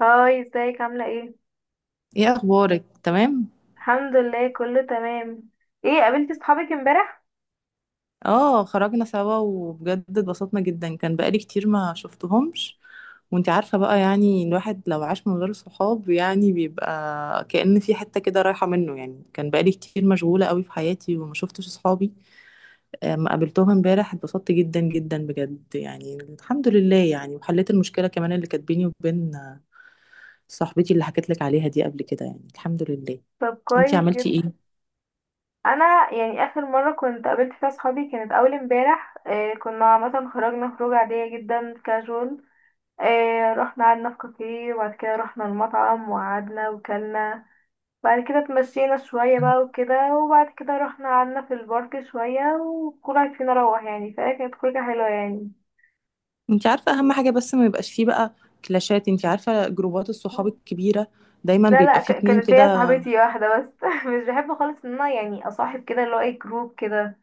هاي، ازيك؟ عاملة ايه؟ ايه اخبارك؟ تمام. الحمد لله، كله تمام. ايه، قابلتي صحابك امبارح؟ اه، خرجنا سوا وبجد اتبسطنا جدا، كان بقالي كتير ما شفتهمش. وانت عارفة بقى، يعني الواحد لو عاش من غير صحاب يعني بيبقى كأن في حتة كده رايحة منه. يعني كان بقالي كتير مشغولة قوي في حياتي وما شفتش صحابي. ما قابلتهم امبارح، اتبسطت جدا جدا بجد، يعني الحمد لله. يعني وحليت المشكلة كمان اللي كانت بيني وبين صاحبتي اللي حكيت لك عليها دي قبل كده، يعني الحمد لله. طب انتي كويس عملتي جدا. ايه؟ انا يعني اخر مرة كنت قابلت فيها صحابي كانت اول امبارح، إيه كنا عامة خرجنا خروج عادية جدا، كاجوال. إيه، رحنا قعدنا في كافيه وبعد كده رحنا المطعم وقعدنا وكلنا. بعد كده اتمشينا شوية بقى وكده، وبعد كده رحنا قعدنا في البارك شوية، وكل واحد فينا روح، يعني فكانت خروجة حلوة يعني. انت عارفة اهم حاجة، بس ما يبقاش فيه بقى كلاشات. انت عارفة جروبات الصحاب الكبيرة دايما لا لا، بيبقى فيه اتنين كانت هي كده. صاحبتي واحدة بس مش بحب خالص ان انا يعني اصاحب كده اللي هو اي جروب كده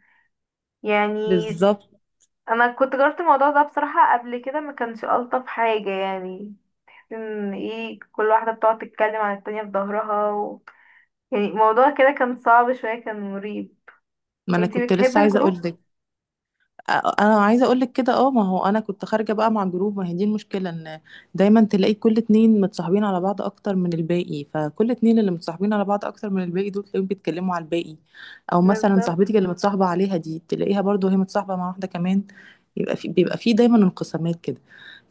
يعني. بالظبط. انا كنت جربت الموضوع ده بصراحة قبل كده، ما كانش الطف حاجة يعني. ان ايه، كل واحدة بتقعد تتكلم عن التانية في ظهرها يعني الموضوع كده كان صعب شوية، كان مريب. ما انا انتي كنت بتحبي لسه عايزة الجروب؟ اقول. انا عايزه اقول لك كده، اه، ما هو انا كنت خارجه بقى مع جروب. ما هي دي المشكله، ان دايما تلاقي كل اتنين متصاحبين على بعض اكتر من الباقي، فكل اتنين اللي متصاحبين على بعض اكتر من الباقي دول تلاقيهم بيتكلموا على الباقي. او مثلا بالظبط، صاحبتك اللي متصاحبه عليها دي تلاقيها برضو هي متصاحبه مع واحده كمان. يبقى في بيبقى في دايما انقسامات كده،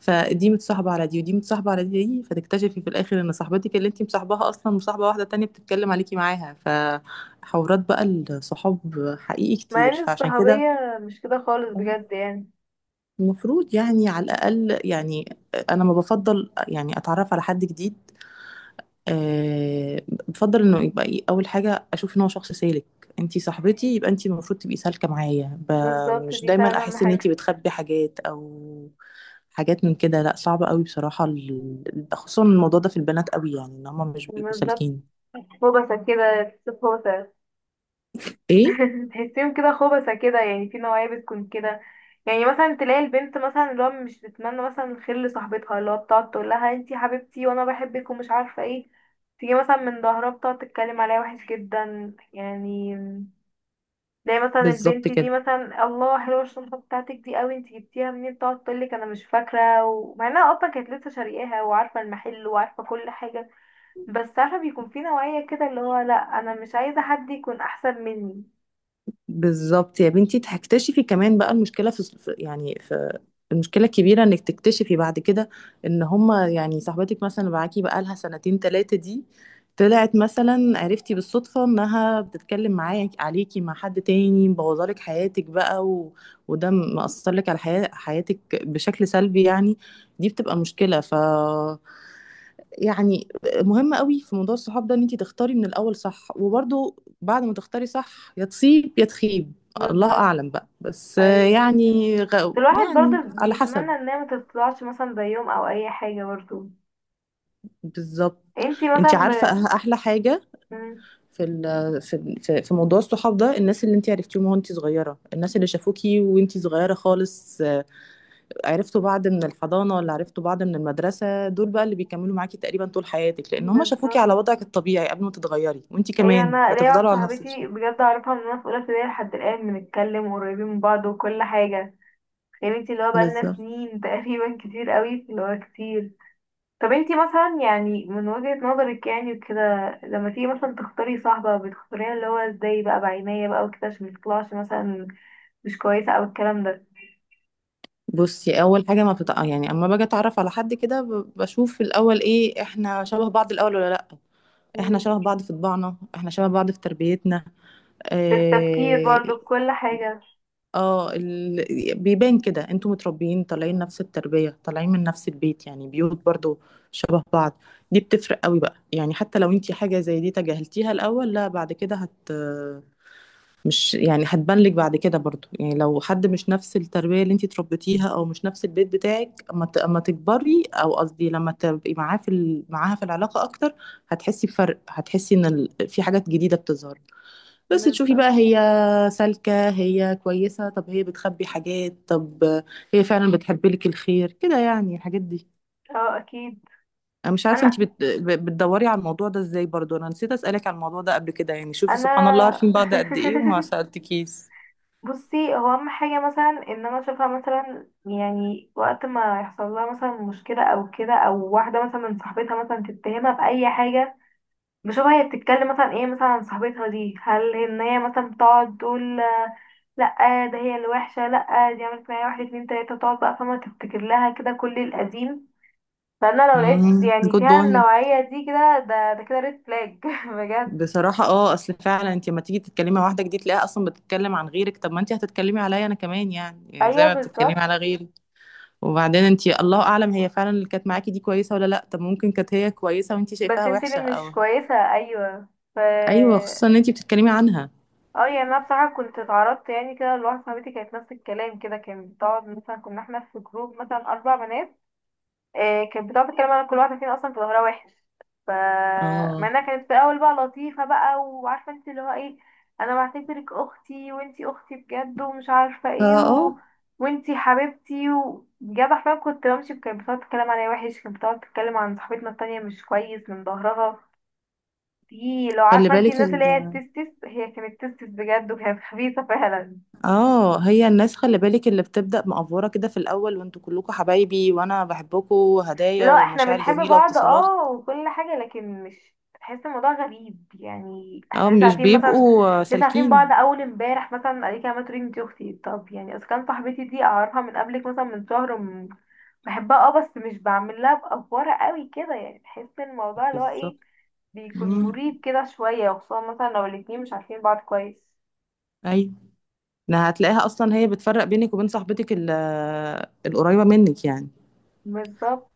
فدي متصاحبه على دي ودي متصاحبه على دي، فتكتشفي في الاخر ان صاحبتك اللي انت مصاحباها اصلا مصاحبه واحده تانية بتتكلم عليكي معاها، فحوارات بقى الصحاب حقيقي مع ان كتير، فعشان كده الصحوبية مش كده خالص بجد يعني. المفروض يعني على الأقل، يعني أنا ما بفضل يعني أتعرف على حد جديد. أه بفضل إنه يبقى إيه، أول حاجة أشوف إن هو شخص سالك. أنتي صاحبتي، يبقى أنتي المفروض تبقي سالكة معايا، بالظبط، مش دي دايما فعلا اهم أحس إن أنتي حاجة. بتخبي حاجات أو حاجات من كده. لا، صعب قوي بصراحة، خصوصا الموضوع ده في البنات قوي يعني، إن هما مش بيبقوا بالظبط، سالكين. هو بس كده. هو إيه؟ تحسيهم كده خبثة كده، يعني في نوعية بتكون كده. يعني مثلا تلاقي البنت مثلا اللي هو مش بتتمنى مثلا الخير لصاحبتها، اللي هو بتقعد تقول لها انتي حبيبتي وانا بحبك ومش عارفة ايه. تيجي مثلا من ظهرها بتقعد تتكلم عليها وحش جدا يعني. تلاقي مثلا بالظبط البنت دي كده. مثلا، الله حلوة الشنطة بتاعتك دي قوي، انتي جبتيها منين؟ تقعد تقولك انا مش فاكرة، ومع انها اصلا كانت لسه شارياها وعارفة المحل وعارفة كل حاجة. بس عارفة بيكون في نوعية كده اللي هو لا، انا مش عايزة حد يكون احسن مني. بالظبط يا بنتي، هتكتشفي كمان بقى المشكله في يعني في المشكله الكبيره انك تكتشفي بعد كده ان هما يعني صاحبتك مثلا اللي معاكي بقى لها سنتين ثلاثه دي طلعت مثلا عرفتي بالصدفه انها بتتكلم معاك عليكي مع حد تاني مبوظالك حياتك بقى. وده مأثر لك على حياتك بشكل سلبي يعني. دي بتبقى مشكله، يعني مهم قوي في موضوع الصحاب ده ان انت تختاري من الاول صح، وبرضه بعد ما تختاري صح يا تصيب يا تخيب. الله بالظبط، اعلم بقى، بس ايوه. يعني الواحد يعني برضه على حسب. بيتمنى ان هي ما تطلعش مثلا زيهم او اي حاجه برضه. بالظبط. انتي انت مثلا عارفه احلى حاجه مم، في ال... في ال- في في موضوع الصحاب ده، الناس اللي انت عرفتيهم وانت صغيره، الناس اللي شافوكي وانت صغيره خالص، عرفتوا بعض من الحضانه ولا عرفتوا بعض من المدرسه، دول بقى اللي بيكملوا معاكي تقريبا طول حياتك لان هم شافوكي بالظبط. على وضعك الطبيعي قبل ما تتغيري، وانت ايوه، كمان انا ليا واحده بتفضلوا على نفس صاحبتي الشيء. بجد اعرفها من وانا في اولى ابتدائي لحد الان، بنتكلم قريبين من بعض وكل حاجه. يعني انتي اللي هو بقالنا بالظبط. سنين تقريبا كتير قوي اللي هو كتير. طب انتي مثلا يعني من وجهه نظرك يعني وكده، لما تيجي مثلا تختاري صاحبه بتختاريها اللي هو ازاي بقى، بعناية بقى وكده، عشان ما تطلعش مثلا مش كويسه، او الكلام بصي اول حاجه ما بتتع... يعني اما باجي اتعرف على حد كده بشوف في الاول ايه، احنا شبه بعض الاول ولا لا. احنا شبه ده. بعض في طباعنا، احنا شبه بعض في تربيتنا، بالتفكير اه. برضو، بكل حاجة. بيبان كده انتوا متربيين طالعين نفس التربيه، طالعين من نفس البيت، يعني بيوت برضو شبه بعض. دي بتفرق قوي بقى يعني، حتى لو انتي حاجه زي دي تجاهلتيها الاول، لا بعد كده مش يعني هتبان لك بعد كده برضو يعني. لو حد مش نفس التربية اللي انتي اتربيتيها او مش نفس البيت بتاعك، اما اما تكبري، او قصدي لما تبقي معاه معاها في العلاقة اكتر، هتحسي بفرق، هتحسي ان في حاجات جديدة بتظهر. بس تشوفي بقى بالظبط، هي سالكة، هي كويسة، طب هي بتخبي حاجات، طب هي فعلا بتحب لك الخير كده يعني، الحاجات دي. اه اكيد. انا مش عارفة انا انتي بتدوري على الموضوع ده ازاي برضو، انا نسيت اسألك على الموضوع ده قبل كده يعني. شوفي انا سبحان الله، عارفين بعض قد ايه وما سألتكيش. بصي هو اهم حاجة مثلا ان انا اشوفها مثلا يعني وقت ما يحصل لها مثلا مشكلة او كده، او واحدة مثلا من صاحبتها مثلا تتهمها بأي حاجة. بشوفها هي بتتكلم مثلا ايه مثلا عن صاحبتها دي، هل ان هي مثلا بتقعد تقول آه، لا، ده هي الوحشة، لا، دي عملت معايا واحد اتنين تلاتة، تقعد بقى فما تفتكر لها كده كل القديم. فانا لو لقيت يعني جود فيها بوينت. النوعية دي كده ده كده، ريد فلاج بجد. بصراحة اصل فعلا انت لما تيجي تتكلمي مع واحدة جديد تلاقيها اصلا بتتكلم عن غيرك، طب ما انت هتتكلمي عليا انا كمان يعني زي ايوه ما بتتكلمي بالظبط، على غيري. وبعدين انت الله اعلم هي فعلا اللي كانت معاكي دي كويسة ولا لا، طب ممكن كانت هي كويسة وانت بس شايفاها انت اللي وحشة مش او. كويسة، ايوه. ف، ايوه، خصوصا ان انت بتتكلمي عنها. اه يعني انا بصراحة كنت اتعرضت يعني كده لواحدة صاحبتي، كانت نفس الكلام كده، كانت بتقعد مثلا كنا احنا في جروب مثلا اربع بنات. آه، كانت بتقعد تتكلم عن كل واحدة فينا أصلا في ظهرها وحش. ف مع اه، انها كانت في الأول بقى لطيفة بقى، وعارفة انت اللي هو ايه، أنا بعتبرك أختي وانتي أختي بجد ومش عارفة اه، ايه آه. وانتي حبيبتي. وبجد حرفيا كنت بمشي، كانت بتقعد تتكلم عليا وحش، كانت بتقعد تتكلم عن صاحبتنا التانية مش كويس من ظهرها. دي لو خلي عارفة انتي بالك الناس اللي هي التستس، هي كانت تستس بجد وكانت خبيثة فعلا. اه هي الناس، خلي بالك اللي بتبدأ مقفورة كده في الاول، وانتوا كلكم حبايبي وانا بحبكم وهدايا لا احنا ومشاعر بنحب جميلة بعض واتصالات. اه وكل حاجة، لكن مش بحس الموضوع غريب يعني، احنا اه، لسه مش عارفين مثلا، بيبقوا لسه عارفين بعض سالكين. اول امبارح. مثلا قالت لي، ما تقولي انتي اختي، طب يعني اذا كان صاحبتي دي اعرفها من قبلك مثلا من شهر، بحبها اه، بس مش بعمل لها بأفورة قوي كده يعني. بحس ان الموضوع اللي هو بالظبط. ايه، بيكون مم. مريب كده شوية، وخصوصا مثلا لو الاتنين مش عارفين بعض كويس. ايوه. إنها هتلاقيها اصلا هي بتفرق بينك وبين صاحبتك القريبه منك يعني. بالظبط.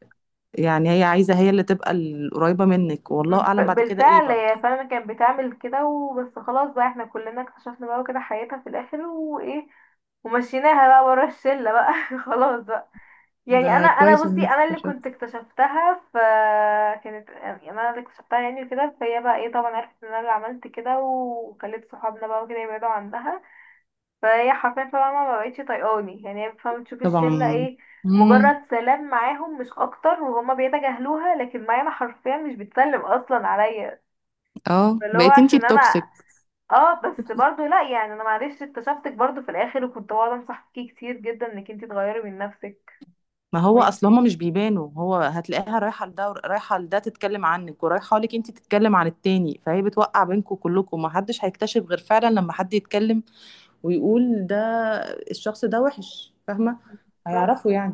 يعني هي عايزه هي اللي تبقى القريبه منك، والله اعلم بعد كده ايه بالفعل برضه. هي فعلا كانت بتعمل كده، وبس خلاص بقى احنا كلنا اكتشفنا بقى كده حياتها في الاخر وايه، ومشيناها بقى ورا الشلة بقى خلاص بقى. يعني ده انا كويس ان بصي، انت انا اللي استشرت. كنت اكتشفتها، فكانت يعني انا اللي اكتشفتها يعني كده، فهي بقى ايه، طبعا عرفت ان انا اللي عملت كده وخليت صحابنا بقى وكده يبعدوا عنها. فهي حرفيا طبعا ما بقتش طايقاني يعني، هي فاهمة تشوف الشلة طبعا. ايه، امم. مجرد سلام معاهم مش اكتر وهما بيتجاهلوها، لكن معايا انا حرفيا مش بتسلم اصلا عليا. اه، اللي هو بقيت انتي عشان انا، التوكسيك. اه بس برضو لا يعني انا معلش اكتشفتك برضو في الاخر، وكنت بقعد انصح فيكي كتير جدا انك انتي تغيري من نفسك. ما هو اصل وانتي هما مش بيبانوا، هو هتلاقيها رايحه لده، رايحه لده تتكلم عنك، ورايحه لك انتي تتكلم عن التاني، فهي بتوقع بينكم كلكم، ما حدش هيكتشف غير فعلا لما حد يتكلم ويقول ده الشخص ده وحش، فاهمة؟ بالظبط، هيعرفوا يعني.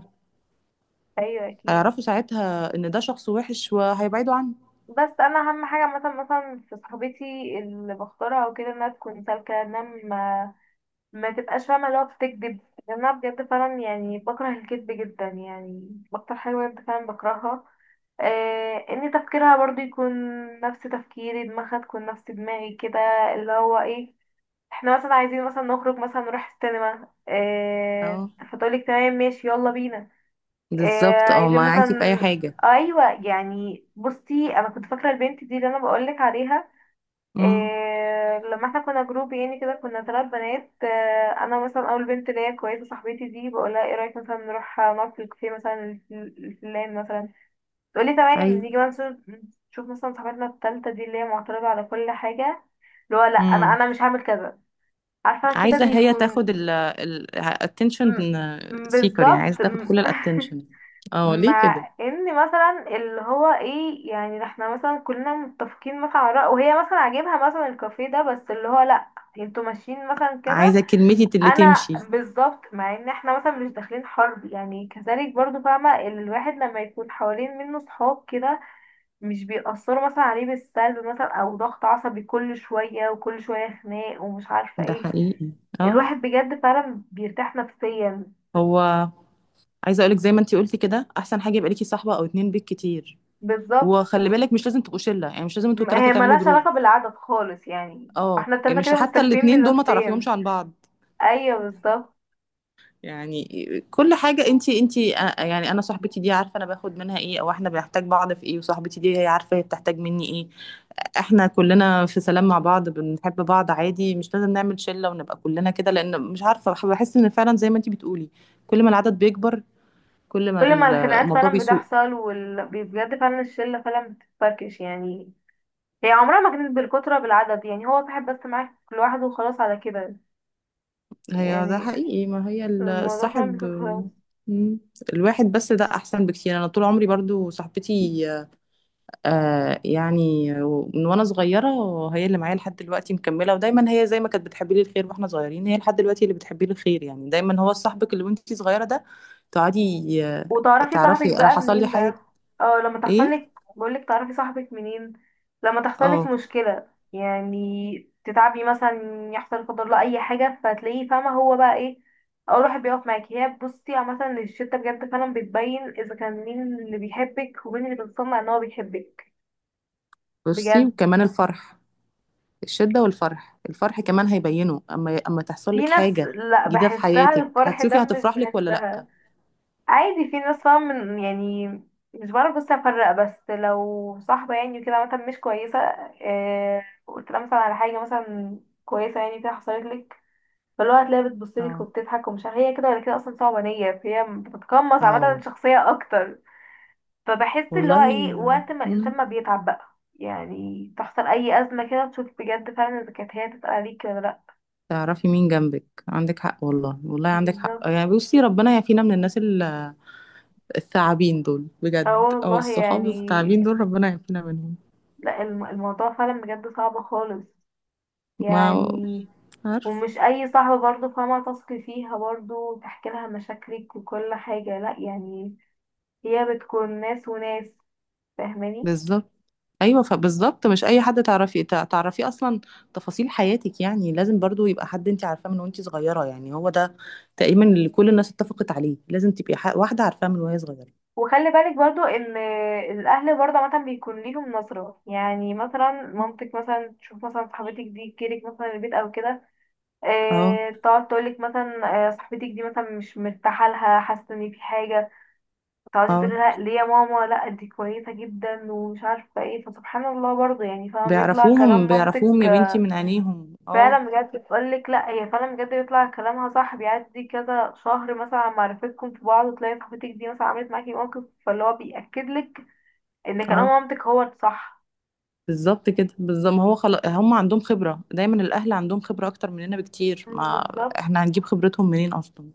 ايوه اكيد. هيعرفوا ساعتها ان ده شخص وحش وهيبعدوا عنه. بس انا اهم حاجه مثلا في صاحبتي اللي بختارها وكده، انها تكون سالكه، انها ما تبقاش فاهمه اللي هو بتكذب. لان انا بجد فعلا يعني بكره الكذب جدا يعني، اكتر حاجه بجد فعلا بكرهها. آه، ان تفكيرها برضو يكون نفس تفكيري، دماغها تكون نفس دماغي كده، اللي هو ايه، احنا مثلا عايزين مثلا نخرج مثلا نروح السينما اه. اه. فتقولك تمام ماشي، يلا بينا. اه بالظبط. اه، عايزين معاكي في اي مثلا، حاجة. ايوه يعني بصي انا كنت فاكره البنت دي اللي انا بقولك عليها. امم. اه لما احنا كنا جروب يعني كده كنا ثلاث بنات اه. انا مثلا اول بنت اللي هي كويسه صاحبتي دي بقولها ايه رايك مثلا نروح نقعد في الكافيه مثلا الفلان مثلا. تقولي تمام ايوه. نيجي مثلا، نشوف مثلا صاحبتنا التالتة دي اللي هي معترضه على كل حاجه، اللي هو لا، انا امم. انا مش هعمل كذا. عارفة كده عايزة هي بيكون تاخد ال attention م- seeker يعني، بالظبط عايزة تاخد كل ال attention. اه، ليه كده؟ مع ان مثلا اللي هو ايه يعني احنا مثلا كلنا متفقين مثلا على رأي، وهي مثلا عاجبها مثلا الكافيه ده، بس اللي هو لا، انتوا ماشيين مثلا كده. عايزة كلمتي اللي انا تمشي. بالظبط، مع ان احنا مثلا مش داخلين حرب يعني كذلك، برضو فاهمة الواحد لما يكون حوالين منه صحاب كده، مش بيأثروا مثلا عليه بالسلب، مثلا او ضغط عصبي كل شوية وكل شوية خناق ومش عارفة ده ايه. حقيقي. اه. الواحد بجد فعلا بيرتاح نفسيا. هو عايزة اقولك زي ما انتي قلتي كده، احسن حاجة يبقى ليكي صاحبة او اتنين بيك كتير. بالظبط، وخلي بالك مش لازم تبقوا شلة يعني، مش لازم انتوا التلاتة هي تعملوا ملهاش جروب. علاقة بالعدد خالص يعني، اه، احنا يعني التلاتة مش كده حتى مستكفين الاتنين دول ما تعرفيهمش بنفسيا. عن بعض ايوه بالظبط، يعني. كل حاجة، انتي يعني انا صاحبتي دي عارفة انا باخد منها ايه، او احنا بنحتاج بعض في ايه، وصاحبتي دي هي عارفة هي بتحتاج مني ايه. احنا كلنا في سلام مع بعض بنحب بعض عادي، مش لازم نعمل شلة ونبقى كلنا كده، لان مش عارفة، بحس ان فعلا زي ما انتي بتقولي، كل ما العدد بيكبر، كل ما كل ما الخناقات الموضوع فعلا بيسوء. بتحصل بجد فعلا الشلة فعلا بتتفركش يعني. هي عمرها ما كانت بالكترة بالعدد يعني، هو صاحب بس معاك لوحده وخلاص على كده هي ده يعني، حقيقي، ما هي الموضوع فعلا الصاحب. بيكون خلاص. مم. الواحد بس ده احسن بكتير. انا طول عمري برضو صاحبتي، يعني من وانا صغيره، هي اللي معايا لحد دلوقتي مكمله، ودايما هي زي ما كانت بتحبي لي الخير واحنا صغيرين هي لحد دلوقتي اللي بتحبي لي الخير. يعني دايما هو صاحبك اللي وانتي صغيره ده، تقعدي. وتعرفي صاحبك تعرفي انا بقى حصل لي منين حاجه. بقى؟ اه، لما تحصل ايه؟ لك، بقولك تعرفي صاحبك منين، لما تحصل لك اه. مشكلة يعني، تتعبي مثلا، يحصل لا قدر الله اي حاجة، فتلاقيه فاهمة هو بقى ايه، اول واحد بيقف معاكي. هي بصي عامة الشتا بجد فعلا بتبين اذا كان مين اللي بيحبك ومين اللي بتصنع ان هو بيحبك بصي بجد. وكمان الفرح، الشده والفرح، الفرح كمان هيبينه اما اما تحصل في لك ناس حاجه لا، جديده في بحسها حياتك، الفرح هتشوفي ده مش هتفرح لك ولا لا. بحسها، عادي، في ناس فاهم من يعني. مش بعرف بس افرق، بس لو صاحبة يعني وكده مثلا مش كويسة، آه قلت لها مثلا على حاجة مثلا كويسة يعني كده حصلت لك، فاللي هو هتلاقيها بتبصلك اه، وبتضحك ومش عارفة هي كده ولا كده، اصلا صعبة نية، فهي بتتقمص عامة اه، الشخصية اكتر. فبحس اللي والله. هو ايه، آه، وقت ما الانسان مم. ما بيتعب بقى يعني، تحصل اي ازمة كده تشوف بجد فعلا اذا كانت هي تتقل عليك ولا لا. تعرفي مين جنبك، عندك حق والله، والله عندك حق بالظبط، يعني. بصي ربنا يعافينا من الناس الثعابين دول اه بجد، او والله الصحاب يعني. الثعابين دول ربنا يعافينا منهم. لا، الموضوع فعلا بجد صعب خالص ما يعني. عارف. ومش اي صاحبة برضو فاهمة تثقي فيها برضو تحكي لها مشاكلك وكل حاجة، لا يعني، هي بتكون ناس وناس، فاهماني. بالظبط. ايوه، فبالظبط مش اي حد تعرفي تعرفيه اصلا تفاصيل حياتك، يعني لازم برضو يبقى حد انت عارفاه من وانت صغيره، يعني هو ده تقريبا اللي كل الناس اتفقت عليه، لازم تبقي واحده عارفاه من وهي صغيره. وخلي بالك برضو ان الاهل برضو عامة بيكون ليهم نظرة، يعني مثلا مامتك مثلا تشوف مثلا صاحبتك دي تجيلك مثلا البيت او كده، اه. آه تقعد تقولك مثلا آه، صاحبتك دي مثلا مش مرتاحة لها، حاسة ان في حاجة. تقعدي اه، تقولي لها ليه يا ماما، لا دي كويسة جدا ومش عارفة ايه، فسبحان الله برضو يعني فاهمة بيطلع بيعرفوهم كلام مامتك. بيعرفوهم يا بنتي من عينيهم، اه. فعلا بجد بتقولك لا، هي فعلا بجد بيطلع كلامها صح، بيعدي كذا شهر مثلا على معرفتكم في بعض، وتلاقي صاحبتك دي مثلا عملت معاكي موقف، فاللي هو بيأكد لك ان كلام اه، مامتك هو الصح. بالظبط كده، بالظبط. ما هو خلاص هم عندهم خبرة، دايما الأهل عندهم خبرة أكتر مننا بكتير، مم، ما بالظبط. احنا هنجيب خبرتهم منين أصلا؟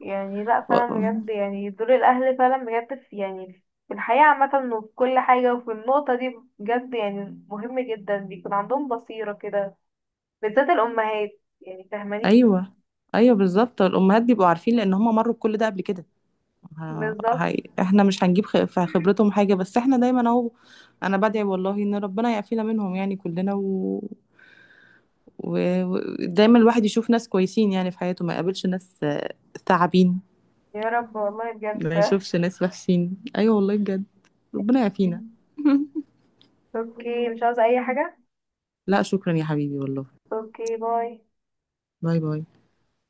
يعني لا و... فعلا بجد يعني دور الاهل فعلا بجد في يعني في الحياة عامة، وفي كل حاجة وفي النقطة دي بجد يعني مهم جدا، بيكون عندهم بصيرة كده، بالذات الأمهات. يعني فاهماني. أيوه، أيوه، بالظبط، الأمهات بيبقوا عارفين لأن هم مروا بكل ده قبل كده. بالظبط، احنا مش هنجيب في خبرتهم حاجة، بس احنا دايما أهو. أنا بدعي والله إن ربنا يعافينا منهم يعني كلنا، و... دايما الواحد يشوف ناس كويسين يعني في حياته، ما يقابلش ناس ثعابين، يا رب والله بجد ما فاهم يشوفش ناس وحشين. ايوه والله بجد، ربنا يعافينا. اوكي، مش عاوزة أي حاجة. لا، شكرا يا حبيبي والله. اوكي، باي. باي باي.